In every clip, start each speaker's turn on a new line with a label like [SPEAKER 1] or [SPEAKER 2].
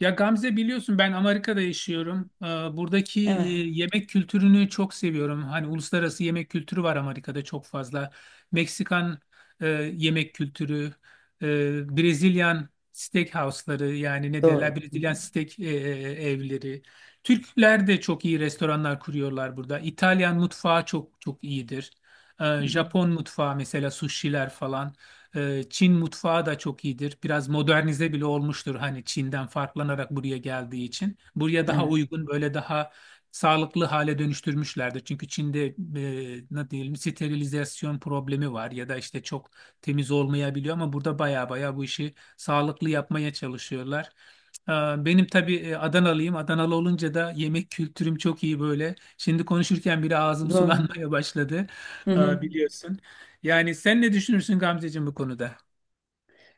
[SPEAKER 1] Ya Gamze biliyorsun ben Amerika'da yaşıyorum. Buradaki
[SPEAKER 2] Evet,
[SPEAKER 1] yemek kültürünü çok seviyorum. Hani uluslararası yemek kültürü var Amerika'da çok fazla. Meksikan e, yemek kültürü, Brezilyan steakhouse'ları yani ne derler
[SPEAKER 2] doğru. Hı hı,
[SPEAKER 1] Brezilyan steak evleri. Türkler de çok iyi restoranlar kuruyorlar burada. İtalyan mutfağı çok çok iyidir.
[SPEAKER 2] hı hı.
[SPEAKER 1] Japon mutfağı mesela sushi'ler falan. Çin mutfağı da çok iyidir. Biraz modernize bile olmuştur hani Çin'den farklanarak buraya geldiği için. Buraya daha
[SPEAKER 2] Evet,
[SPEAKER 1] uygun böyle daha sağlıklı hale dönüştürmüşlerdir. Çünkü Çin'de ne diyelim sterilizasyon problemi var ya da işte çok temiz olmayabiliyor ama burada baya baya bu işi sağlıklı yapmaya çalışıyorlar. Ee, Benim tabii Adanalıyım. Adanalı olunca da yemek kültürüm çok iyi böyle. Şimdi konuşurken bile ağzım
[SPEAKER 2] doğru.
[SPEAKER 1] sulanmaya başladı.
[SPEAKER 2] Hı hı.
[SPEAKER 1] Biliyorsun. Yani sen ne düşünürsün Gamzeciğim bu konuda?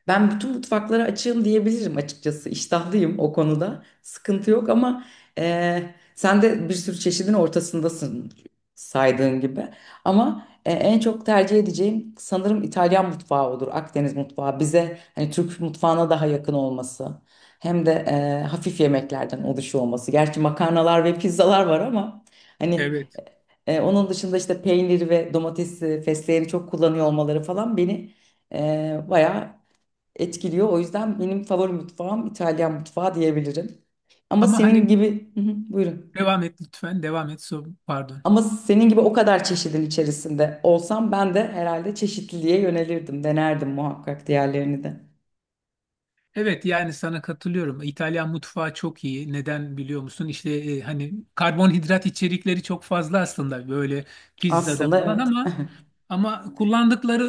[SPEAKER 2] Ben bütün mutfaklara açığım diyebilirim açıkçası. İştahlıyım o konuda. Sıkıntı yok ama e, sen de bir sürü çeşidin ortasındasın saydığın gibi. Ama en çok tercih edeceğim sanırım İtalyan mutfağı olur. Akdeniz mutfağı bize hani Türk mutfağına daha yakın olması. Hem de hafif yemeklerden oluşuyor olması. Gerçi makarnalar ve pizzalar var ama hani
[SPEAKER 1] Evet.
[SPEAKER 2] Onun dışında işte peynir ve domatesi, fesleğeni çok kullanıyor olmaları falan beni bayağı etkiliyor. O yüzden benim favori mutfağım İtalyan mutfağı diyebilirim. Ama
[SPEAKER 1] Ama
[SPEAKER 2] senin
[SPEAKER 1] hani
[SPEAKER 2] gibi, hı hı, buyurun.
[SPEAKER 1] devam et lütfen. Devam et. So, pardon.
[SPEAKER 2] Ama senin gibi o kadar çeşidin içerisinde olsam ben de herhalde çeşitliliğe yönelirdim, denerdim muhakkak diğerlerini de.
[SPEAKER 1] Evet yani sana katılıyorum. İtalyan mutfağı çok iyi. Neden biliyor musun? İşte hani karbonhidrat içerikleri çok fazla aslında böyle pizzada
[SPEAKER 2] Aslında
[SPEAKER 1] falan
[SPEAKER 2] evet,
[SPEAKER 1] ama kullandıkları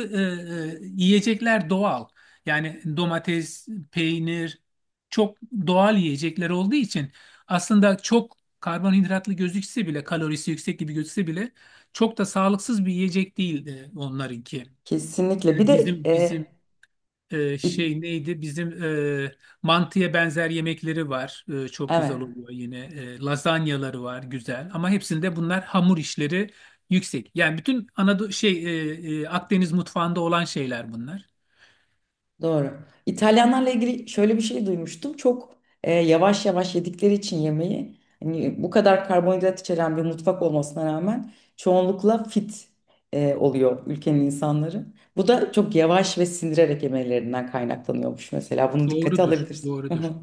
[SPEAKER 1] yiyecekler doğal. Yani domates, peynir çok doğal yiyecekler olduğu için aslında çok karbonhidratlı gözükse bile kalorisi yüksek gibi gözükse bile çok da sağlıksız bir yiyecek değil onlarınki.
[SPEAKER 2] kesinlikle. Bir
[SPEAKER 1] Yani
[SPEAKER 2] de
[SPEAKER 1] bizim bizim
[SPEAKER 2] İ-
[SPEAKER 1] şey neydi? Bizim e, mantıya benzer yemekleri var. Çok güzel
[SPEAKER 2] evet.
[SPEAKER 1] oluyor yine. Lazanyaları var güzel. Ama hepsinde bunlar hamur işleri yüksek. Yani bütün Anadolu şey Akdeniz mutfağında olan şeyler bunlar.
[SPEAKER 2] Doğru. İtalyanlarla ilgili şöyle bir şey duymuştum. Çok yavaş yavaş yedikleri için yemeği, hani bu kadar karbonhidrat içeren bir mutfak olmasına rağmen çoğunlukla fit oluyor ülkenin insanları. Bu da çok yavaş ve sindirerek yemelerinden kaynaklanıyormuş mesela. Bunu dikkate
[SPEAKER 1] Doğrudur,
[SPEAKER 2] alabilirsin. Hı
[SPEAKER 1] doğrudur.
[SPEAKER 2] hı.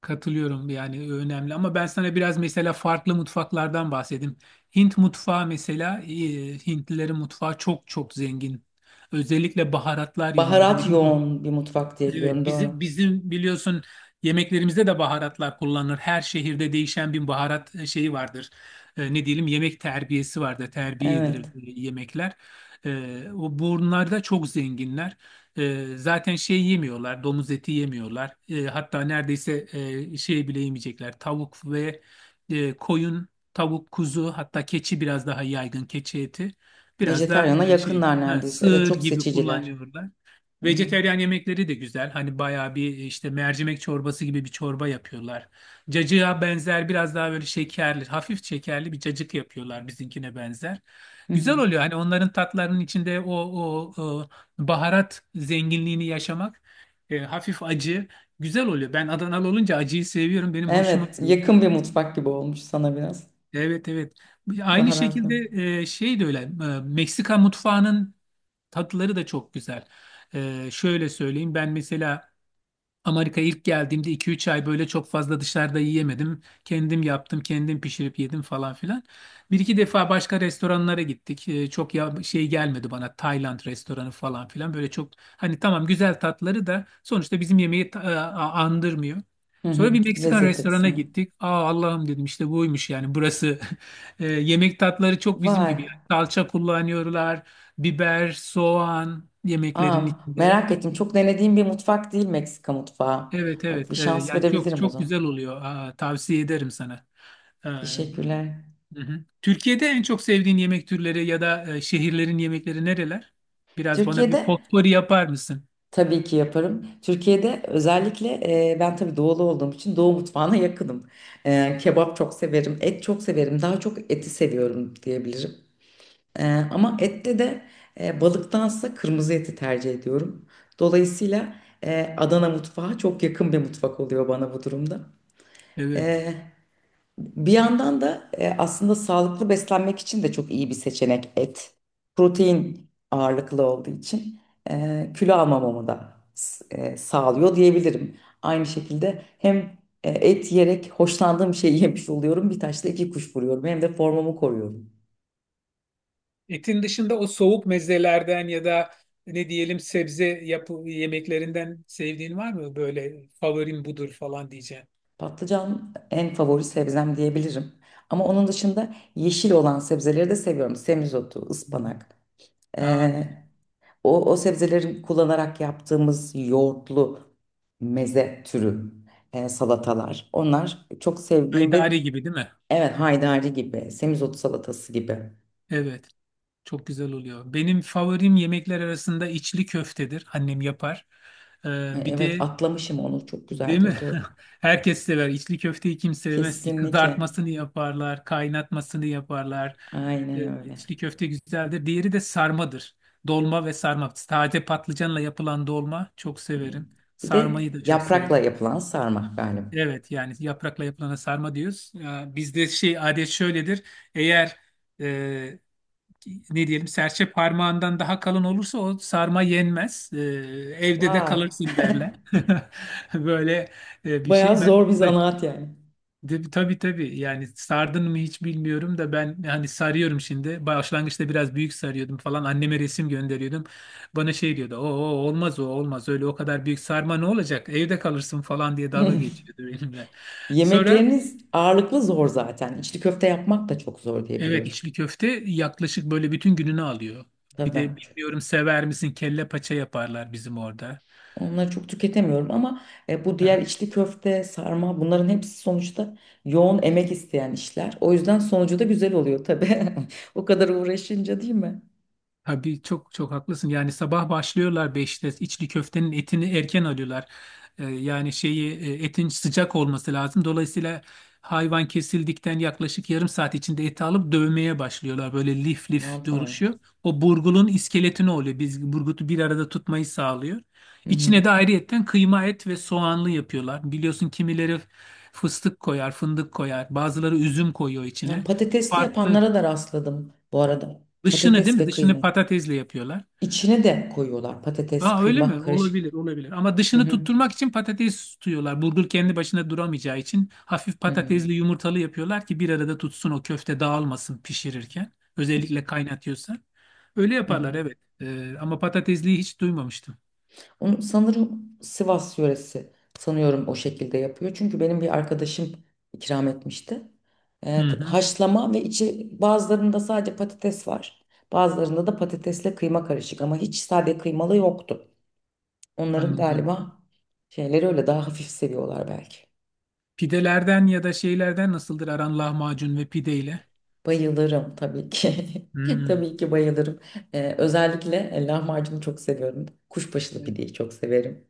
[SPEAKER 1] Katılıyorum yani önemli ama ben sana biraz mesela farklı mutfaklardan bahsedeyim. Hint mutfağı mesela Hintlilerin mutfağı çok çok zengin. Özellikle baharatlar yönünde.
[SPEAKER 2] Baharat
[SPEAKER 1] Hani bizim.
[SPEAKER 2] yoğun bir mutfak diye biliyorum.
[SPEAKER 1] Evet, bizim
[SPEAKER 2] Doğru.
[SPEAKER 1] bizim biliyorsun yemeklerimizde de baharatlar kullanılır. Her şehirde değişen bir baharat şeyi vardır. Ne diyelim yemek terbiyesi vardır. Terbiye edilir
[SPEAKER 2] Evet.
[SPEAKER 1] yemekler. O bunlar da çok zenginler. Zaten şey yemiyorlar, domuz eti yemiyorlar. Hatta neredeyse şey bile yemeyecekler. Tavuk ve koyun, tavuk, kuzu, hatta keçi biraz daha yaygın keçi eti. Biraz da
[SPEAKER 2] Vejetaryana
[SPEAKER 1] şey,
[SPEAKER 2] yakınlar
[SPEAKER 1] ha,
[SPEAKER 2] neredeyse. Evet,
[SPEAKER 1] sığır
[SPEAKER 2] çok
[SPEAKER 1] gibi
[SPEAKER 2] seçiciler.
[SPEAKER 1] kullanıyorlar.
[SPEAKER 2] Hı hı.
[SPEAKER 1] Vejeteryan yemekleri de güzel. Hani bayağı bir işte mercimek çorbası gibi bir çorba yapıyorlar. Cacığa benzer biraz daha böyle şekerli, hafif şekerli bir cacık yapıyorlar bizimkine benzer.
[SPEAKER 2] Hı hı.
[SPEAKER 1] Güzel oluyor. Hani onların tatlarının içinde o baharat zenginliğini yaşamak hafif acı güzel oluyor. Ben Adanalı olunca acıyı seviyorum. Benim hoşuma
[SPEAKER 2] Evet,
[SPEAKER 1] gidiyor.
[SPEAKER 2] yakın bir mutfak gibi olmuş sana biraz.
[SPEAKER 1] Evet, evet. Aynı
[SPEAKER 2] Baharat.
[SPEAKER 1] şekilde şey de öyle. Meksika mutfağının tatları da çok güzel. Şöyle söyleyeyim. Ben mesela Amerika'ya ilk geldiğimde iki üç ay böyle çok fazla dışarıda yiyemedim. Kendim yaptım, kendim pişirip yedim falan filan. Bir iki defa başka restoranlara gittik. Çok ya şey gelmedi bana Tayland restoranı falan filan. Böyle çok hani tamam güzel tatları da sonuçta bizim yemeği andırmıyor.
[SPEAKER 2] Hı hı,
[SPEAKER 1] Sonra bir Meksikan
[SPEAKER 2] lezzet
[SPEAKER 1] restorana
[SPEAKER 2] açısından.
[SPEAKER 1] gittik. Aa, Allah'ım dedim işte buymuş yani burası. Yemek tatları çok bizim
[SPEAKER 2] Vay.
[SPEAKER 1] gibi. Yani salça kullanıyorlar, biber, soğan
[SPEAKER 2] Aa,
[SPEAKER 1] yemeklerin içinde.
[SPEAKER 2] merak ettim. Çok denediğim bir mutfak değil Meksika mutfağı.
[SPEAKER 1] Evet,
[SPEAKER 2] Bak bir
[SPEAKER 1] evet. Ee,
[SPEAKER 2] şans
[SPEAKER 1] yani çok
[SPEAKER 2] verebilirim o
[SPEAKER 1] çok
[SPEAKER 2] zaman.
[SPEAKER 1] güzel oluyor. Aa, tavsiye ederim sana. Ee,
[SPEAKER 2] Teşekkürler.
[SPEAKER 1] hı hı. Türkiye'de en çok sevdiğin yemek türleri ya da şehirlerin yemekleri nereler? Biraz bana bir
[SPEAKER 2] Türkiye'de
[SPEAKER 1] potpourri yapar mısın?
[SPEAKER 2] tabii ki yaparım. Türkiye'de özellikle ben tabii doğulu olduğum için doğu mutfağına yakınım. E, kebap çok severim, et çok severim. Daha çok eti seviyorum diyebilirim. E, Ama ette de balıktansa kırmızı eti tercih ediyorum. Dolayısıyla Adana mutfağı çok yakın bir mutfak oluyor bana bu durumda.
[SPEAKER 1] Evet.
[SPEAKER 2] Bir yandan da aslında sağlıklı beslenmek için de çok iyi bir seçenek et. Protein ağırlıklı olduğu için kilo almamamı da sağlıyor diyebilirim. Aynı şekilde hem et yiyerek hoşlandığım şeyi yemiş oluyorum. Bir taşla iki kuş vuruyorum. Hem de formamı koruyorum.
[SPEAKER 1] Etin dışında o soğuk mezelerden ya da ne diyelim sebze yapı yemeklerinden sevdiğin var mı? Böyle favorim budur falan diyeceğim.
[SPEAKER 2] Patlıcan en favori sebzem diyebilirim. Ama onun dışında yeşil olan sebzeleri de seviyorum. Semizotu,
[SPEAKER 1] Hı
[SPEAKER 2] ıspanak.
[SPEAKER 1] hı. Aa,
[SPEAKER 2] e, O, o sebzeleri kullanarak yaptığımız yoğurtlu meze türü salatalar. Onlar çok sevdiğim ve
[SPEAKER 1] Haydari gibi değil mi?
[SPEAKER 2] evet haydari gibi, semizotu salatası gibi.
[SPEAKER 1] Evet. Çok güzel oluyor. Benim favorim yemekler arasında içli köftedir. Annem yapar. Ee,
[SPEAKER 2] E,
[SPEAKER 1] bir
[SPEAKER 2] evet,
[SPEAKER 1] de
[SPEAKER 2] atlamışım onu çok
[SPEAKER 1] değil
[SPEAKER 2] güzeldir
[SPEAKER 1] mi?
[SPEAKER 2] doğru.
[SPEAKER 1] Herkes sever. İçli köfteyi kim sevmez ki?
[SPEAKER 2] Kesinlikle.
[SPEAKER 1] Kızartmasını yaparlar, kaynatmasını yaparlar.
[SPEAKER 2] Aynen
[SPEAKER 1] Ee,
[SPEAKER 2] öyle.
[SPEAKER 1] İçli köfte güzeldir. Diğeri de sarmadır. Dolma ve sarma. Taze patlıcanla yapılan dolma çok
[SPEAKER 2] Hı.
[SPEAKER 1] severim.
[SPEAKER 2] Bir de
[SPEAKER 1] Sarmayı da çok
[SPEAKER 2] yaprakla
[SPEAKER 1] severim.
[SPEAKER 2] yapılan sarma galiba.
[SPEAKER 1] Evet yani yaprakla yapılana sarma diyoruz. Bizde şey adet şöyledir. Eğer e, ne diyelim serçe parmağından daha kalın olursa o sarma yenmez. Evde de
[SPEAKER 2] Vay.
[SPEAKER 1] kalırsın derler. Böyle bir
[SPEAKER 2] Bayağı
[SPEAKER 1] şey. Ben de,
[SPEAKER 2] zor bir zanaat yani.
[SPEAKER 1] tabii tabii yani sardın mı hiç bilmiyorum da ben hani sarıyorum şimdi. Başlangıçta biraz büyük sarıyordum falan. Anneme resim gönderiyordum. Bana şey diyordu. O, olmaz o olmaz öyle o kadar büyük sarma ne olacak? Evde kalırsın falan diye dalga geçiyordu benimle. Sonra.
[SPEAKER 2] Yemekleriniz ağırlıklı zor zaten. İçli köfte yapmak da çok zor diye
[SPEAKER 1] Evet
[SPEAKER 2] biliyorum.
[SPEAKER 1] içli köfte yaklaşık böyle bütün gününü alıyor. Bir
[SPEAKER 2] Tabii.
[SPEAKER 1] de bilmiyorum sever misin kelle paça yaparlar bizim orada.
[SPEAKER 2] Onları çok tüketemiyorum ama bu diğer içli köfte, sarma bunların hepsi sonuçta yoğun emek isteyen işler. O yüzden sonucu da güzel oluyor tabii. O kadar uğraşınca değil mi?
[SPEAKER 1] Tabii çok çok haklısın. Yani sabah başlıyorlar 5'te içli köftenin etini erken alıyorlar. Yani şeyi etin sıcak olması lazım. Dolayısıyla hayvan kesildikten yaklaşık yarım saat içinde eti alıp dövmeye başlıyorlar. Böyle lif lif
[SPEAKER 2] Aman Tanrım.
[SPEAKER 1] duruşuyor. O burgulun iskeletini oluyor. Biz burgutu bir arada tutmayı sağlıyor.
[SPEAKER 2] Hı hı.
[SPEAKER 1] İçine de ayrıyetten kıyma et ve soğanlı yapıyorlar. Biliyorsun kimileri fıstık koyar, fındık koyar. Bazıları üzüm koyuyor
[SPEAKER 2] Ya,
[SPEAKER 1] içine.
[SPEAKER 2] patatesli
[SPEAKER 1] Farklı.
[SPEAKER 2] yapanlara da rastladım bu arada.
[SPEAKER 1] Dışını değil
[SPEAKER 2] Patates
[SPEAKER 1] mi?
[SPEAKER 2] ve
[SPEAKER 1] Dışını
[SPEAKER 2] kıyma.
[SPEAKER 1] patatesle yapıyorlar.
[SPEAKER 2] İçine de koyuyorlar patates,
[SPEAKER 1] Aa, öyle
[SPEAKER 2] kıyma
[SPEAKER 1] mi?
[SPEAKER 2] karışık.
[SPEAKER 1] Olabilir, olabilir. Ama
[SPEAKER 2] Hı
[SPEAKER 1] dışını
[SPEAKER 2] hı.
[SPEAKER 1] tutturmak için patates tutuyorlar. Burger kendi başına duramayacağı için hafif
[SPEAKER 2] Hı hı.
[SPEAKER 1] patatesli yumurtalı yapıyorlar ki bir arada tutsun o köfte dağılmasın pişirirken. Özellikle kaynatıyorsan. Öyle
[SPEAKER 2] Hı
[SPEAKER 1] yaparlar
[SPEAKER 2] hı.
[SPEAKER 1] evet. Ama patatesliyi hiç duymamıştım.
[SPEAKER 2] Onu sanırım Sivas yöresi sanıyorum o şekilde yapıyor. Çünkü benim bir arkadaşım ikram etmişti.
[SPEAKER 1] Hı hı,
[SPEAKER 2] Haşlama ve içi bazılarında sadece patates var. Bazılarında da patatesle kıyma karışık ama hiç sade kıymalı yoktu. Onların
[SPEAKER 1] anladım.
[SPEAKER 2] galiba şeyleri öyle daha hafif seviyorlar belki.
[SPEAKER 1] Pidelerden ya da şeylerden nasıldır aran lahmacun ve pideyle?
[SPEAKER 2] Bayılırım tabii ki.
[SPEAKER 1] Hmm.
[SPEAKER 2] Tabii ki bayılırım. Özellikle lahmacunu çok seviyorum. Kuşbaşılı
[SPEAKER 1] Evet,
[SPEAKER 2] pideyi çok severim.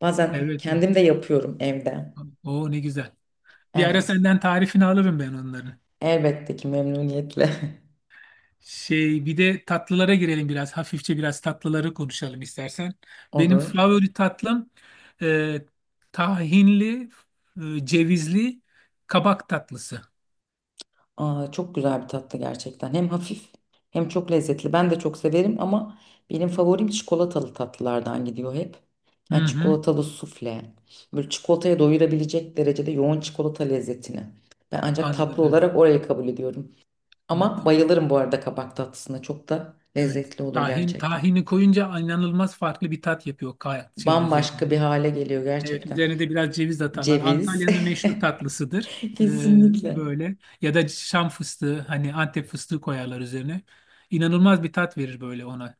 [SPEAKER 2] Bazen
[SPEAKER 1] evet. Evet.
[SPEAKER 2] kendim de yapıyorum evde.
[SPEAKER 1] Ne güzel. Bir ara
[SPEAKER 2] Evet.
[SPEAKER 1] senden tarifini alırım ben onların.
[SPEAKER 2] Elbette ki memnuniyetle
[SPEAKER 1] Şey bir de tatlılara girelim biraz. Hafifçe biraz tatlıları konuşalım istersen. Benim
[SPEAKER 2] olur.
[SPEAKER 1] favori tatlım e, tahinli, cevizli kabak tatlısı.
[SPEAKER 2] Aa, çok güzel bir tatlı gerçekten. Hem hafif hem çok lezzetli. Ben de çok severim ama benim favorim çikolatalı tatlılardan gidiyor hep.
[SPEAKER 1] Hı
[SPEAKER 2] Yani
[SPEAKER 1] hı.
[SPEAKER 2] çikolatalı sufle. Böyle çikolataya doyurabilecek derecede yoğun çikolata lezzetini. Ben ancak tatlı
[SPEAKER 1] Anladım.
[SPEAKER 2] olarak orayı kabul ediyorum. Ama
[SPEAKER 1] Anladım.
[SPEAKER 2] bayılırım bu arada kabak tatlısına. Çok da
[SPEAKER 1] Evet.
[SPEAKER 2] lezzetli olur
[SPEAKER 1] Tahin,
[SPEAKER 2] gerçekten.
[SPEAKER 1] tahini koyunca inanılmaz farklı bir tat yapıyor şeyin
[SPEAKER 2] Bambaşka
[SPEAKER 1] üzerine.
[SPEAKER 2] bir hale geliyor
[SPEAKER 1] Evet,
[SPEAKER 2] gerçekten.
[SPEAKER 1] üzerine de biraz ceviz atarlar.
[SPEAKER 2] Ceviz.
[SPEAKER 1] Antalya'nın meşhur tatlısıdır. E,
[SPEAKER 2] Kesinlikle.
[SPEAKER 1] böyle. Ya da Şam fıstığı, hani Antep fıstığı koyarlar üzerine. İnanılmaz bir tat verir böyle ona.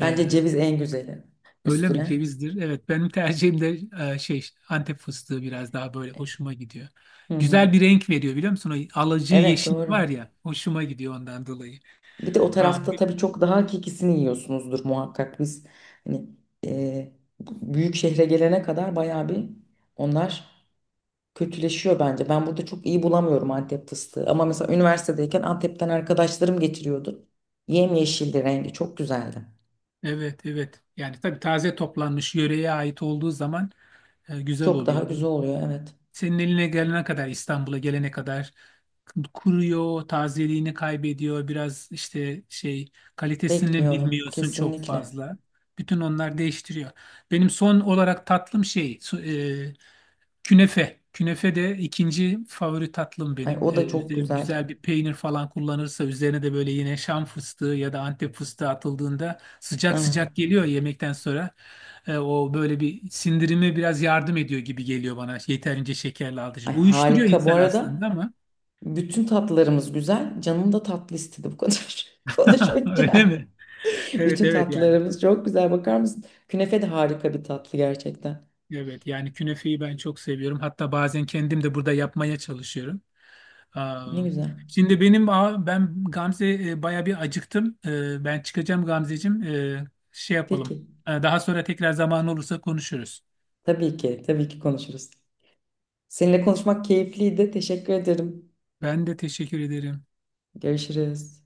[SPEAKER 2] Bence
[SPEAKER 1] Ee,
[SPEAKER 2] ceviz en güzeli
[SPEAKER 1] öyle mi
[SPEAKER 2] üstüne.
[SPEAKER 1] cevizdir? Evet benim tercihim de şey Antep fıstığı biraz daha böyle hoşuma gidiyor.
[SPEAKER 2] Hı hı.
[SPEAKER 1] Güzel bir renk veriyor biliyor musun? O alıcı
[SPEAKER 2] Evet
[SPEAKER 1] yeşil
[SPEAKER 2] doğru.
[SPEAKER 1] var ya hoşuma gidiyor ondan dolayı.
[SPEAKER 2] Bir de o
[SPEAKER 1] Ha,
[SPEAKER 2] tarafta tabii çok daha hakikisini yiyorsunuzdur muhakkak biz. Hani e, büyük şehre gelene kadar bayağı bir onlar kötüleşiyor bence. Ben burada çok iyi bulamıyorum Antep fıstığı. Ama mesela üniversitedeyken Antep'ten arkadaşlarım getiriyordu. Yemyeşildi rengi çok güzeldi.
[SPEAKER 1] evet evet yani tabii taze toplanmış yöreye ait olduğu zaman güzel
[SPEAKER 2] Çok daha
[SPEAKER 1] oluyor.
[SPEAKER 2] güzel oluyor evet.
[SPEAKER 1] Senin eline gelene kadar, İstanbul'a gelene kadar kuruyor, tazeliğini kaybediyor. Biraz işte şey kalitesini
[SPEAKER 2] Bekliyor
[SPEAKER 1] bilmiyorsun çok
[SPEAKER 2] kesinlikle.
[SPEAKER 1] fazla. Bütün onlar değiştiriyor. Benim son olarak tatlım şey künefe. Künefe de ikinci favori tatlım
[SPEAKER 2] Ay
[SPEAKER 1] benim.
[SPEAKER 2] o da
[SPEAKER 1] Ee,
[SPEAKER 2] çok
[SPEAKER 1] üzerine
[SPEAKER 2] güzel.
[SPEAKER 1] güzel bir peynir falan kullanırsa üzerine de böyle yine Şam fıstığı ya da Antep fıstığı atıldığında sıcak
[SPEAKER 2] Evet.
[SPEAKER 1] sıcak geliyor yemekten sonra. O böyle bir sindirime biraz yardım ediyor gibi geliyor bana yeterince şekerli aldığı
[SPEAKER 2] Ay
[SPEAKER 1] için. Uyuşturuyor
[SPEAKER 2] harika bu
[SPEAKER 1] insan
[SPEAKER 2] arada.
[SPEAKER 1] aslında ama.
[SPEAKER 2] Bütün tatlılarımız güzel. Canım da tatlı istedi bu kadar
[SPEAKER 1] Öyle
[SPEAKER 2] konuşunca.
[SPEAKER 1] mi? Evet,
[SPEAKER 2] Bütün
[SPEAKER 1] evet yani.
[SPEAKER 2] tatlılarımız çok güzel. Bakar mısın? Künefe de harika bir tatlı gerçekten.
[SPEAKER 1] Evet yani künefeyi ben çok seviyorum. Hatta bazen kendim de burada yapmaya çalışıyorum.
[SPEAKER 2] Ne
[SPEAKER 1] Aa.
[SPEAKER 2] güzel.
[SPEAKER 1] Şimdi ben, Gamze, baya bir acıktım. Ben çıkacağım Gamzeciğim. Şey yapalım.
[SPEAKER 2] Peki.
[SPEAKER 1] Daha sonra tekrar zaman olursa konuşuruz.
[SPEAKER 2] Tabii ki. Tabii ki konuşuruz. Seninle konuşmak keyifliydi. Teşekkür ederim.
[SPEAKER 1] Ben de teşekkür ederim.
[SPEAKER 2] Görüşürüz.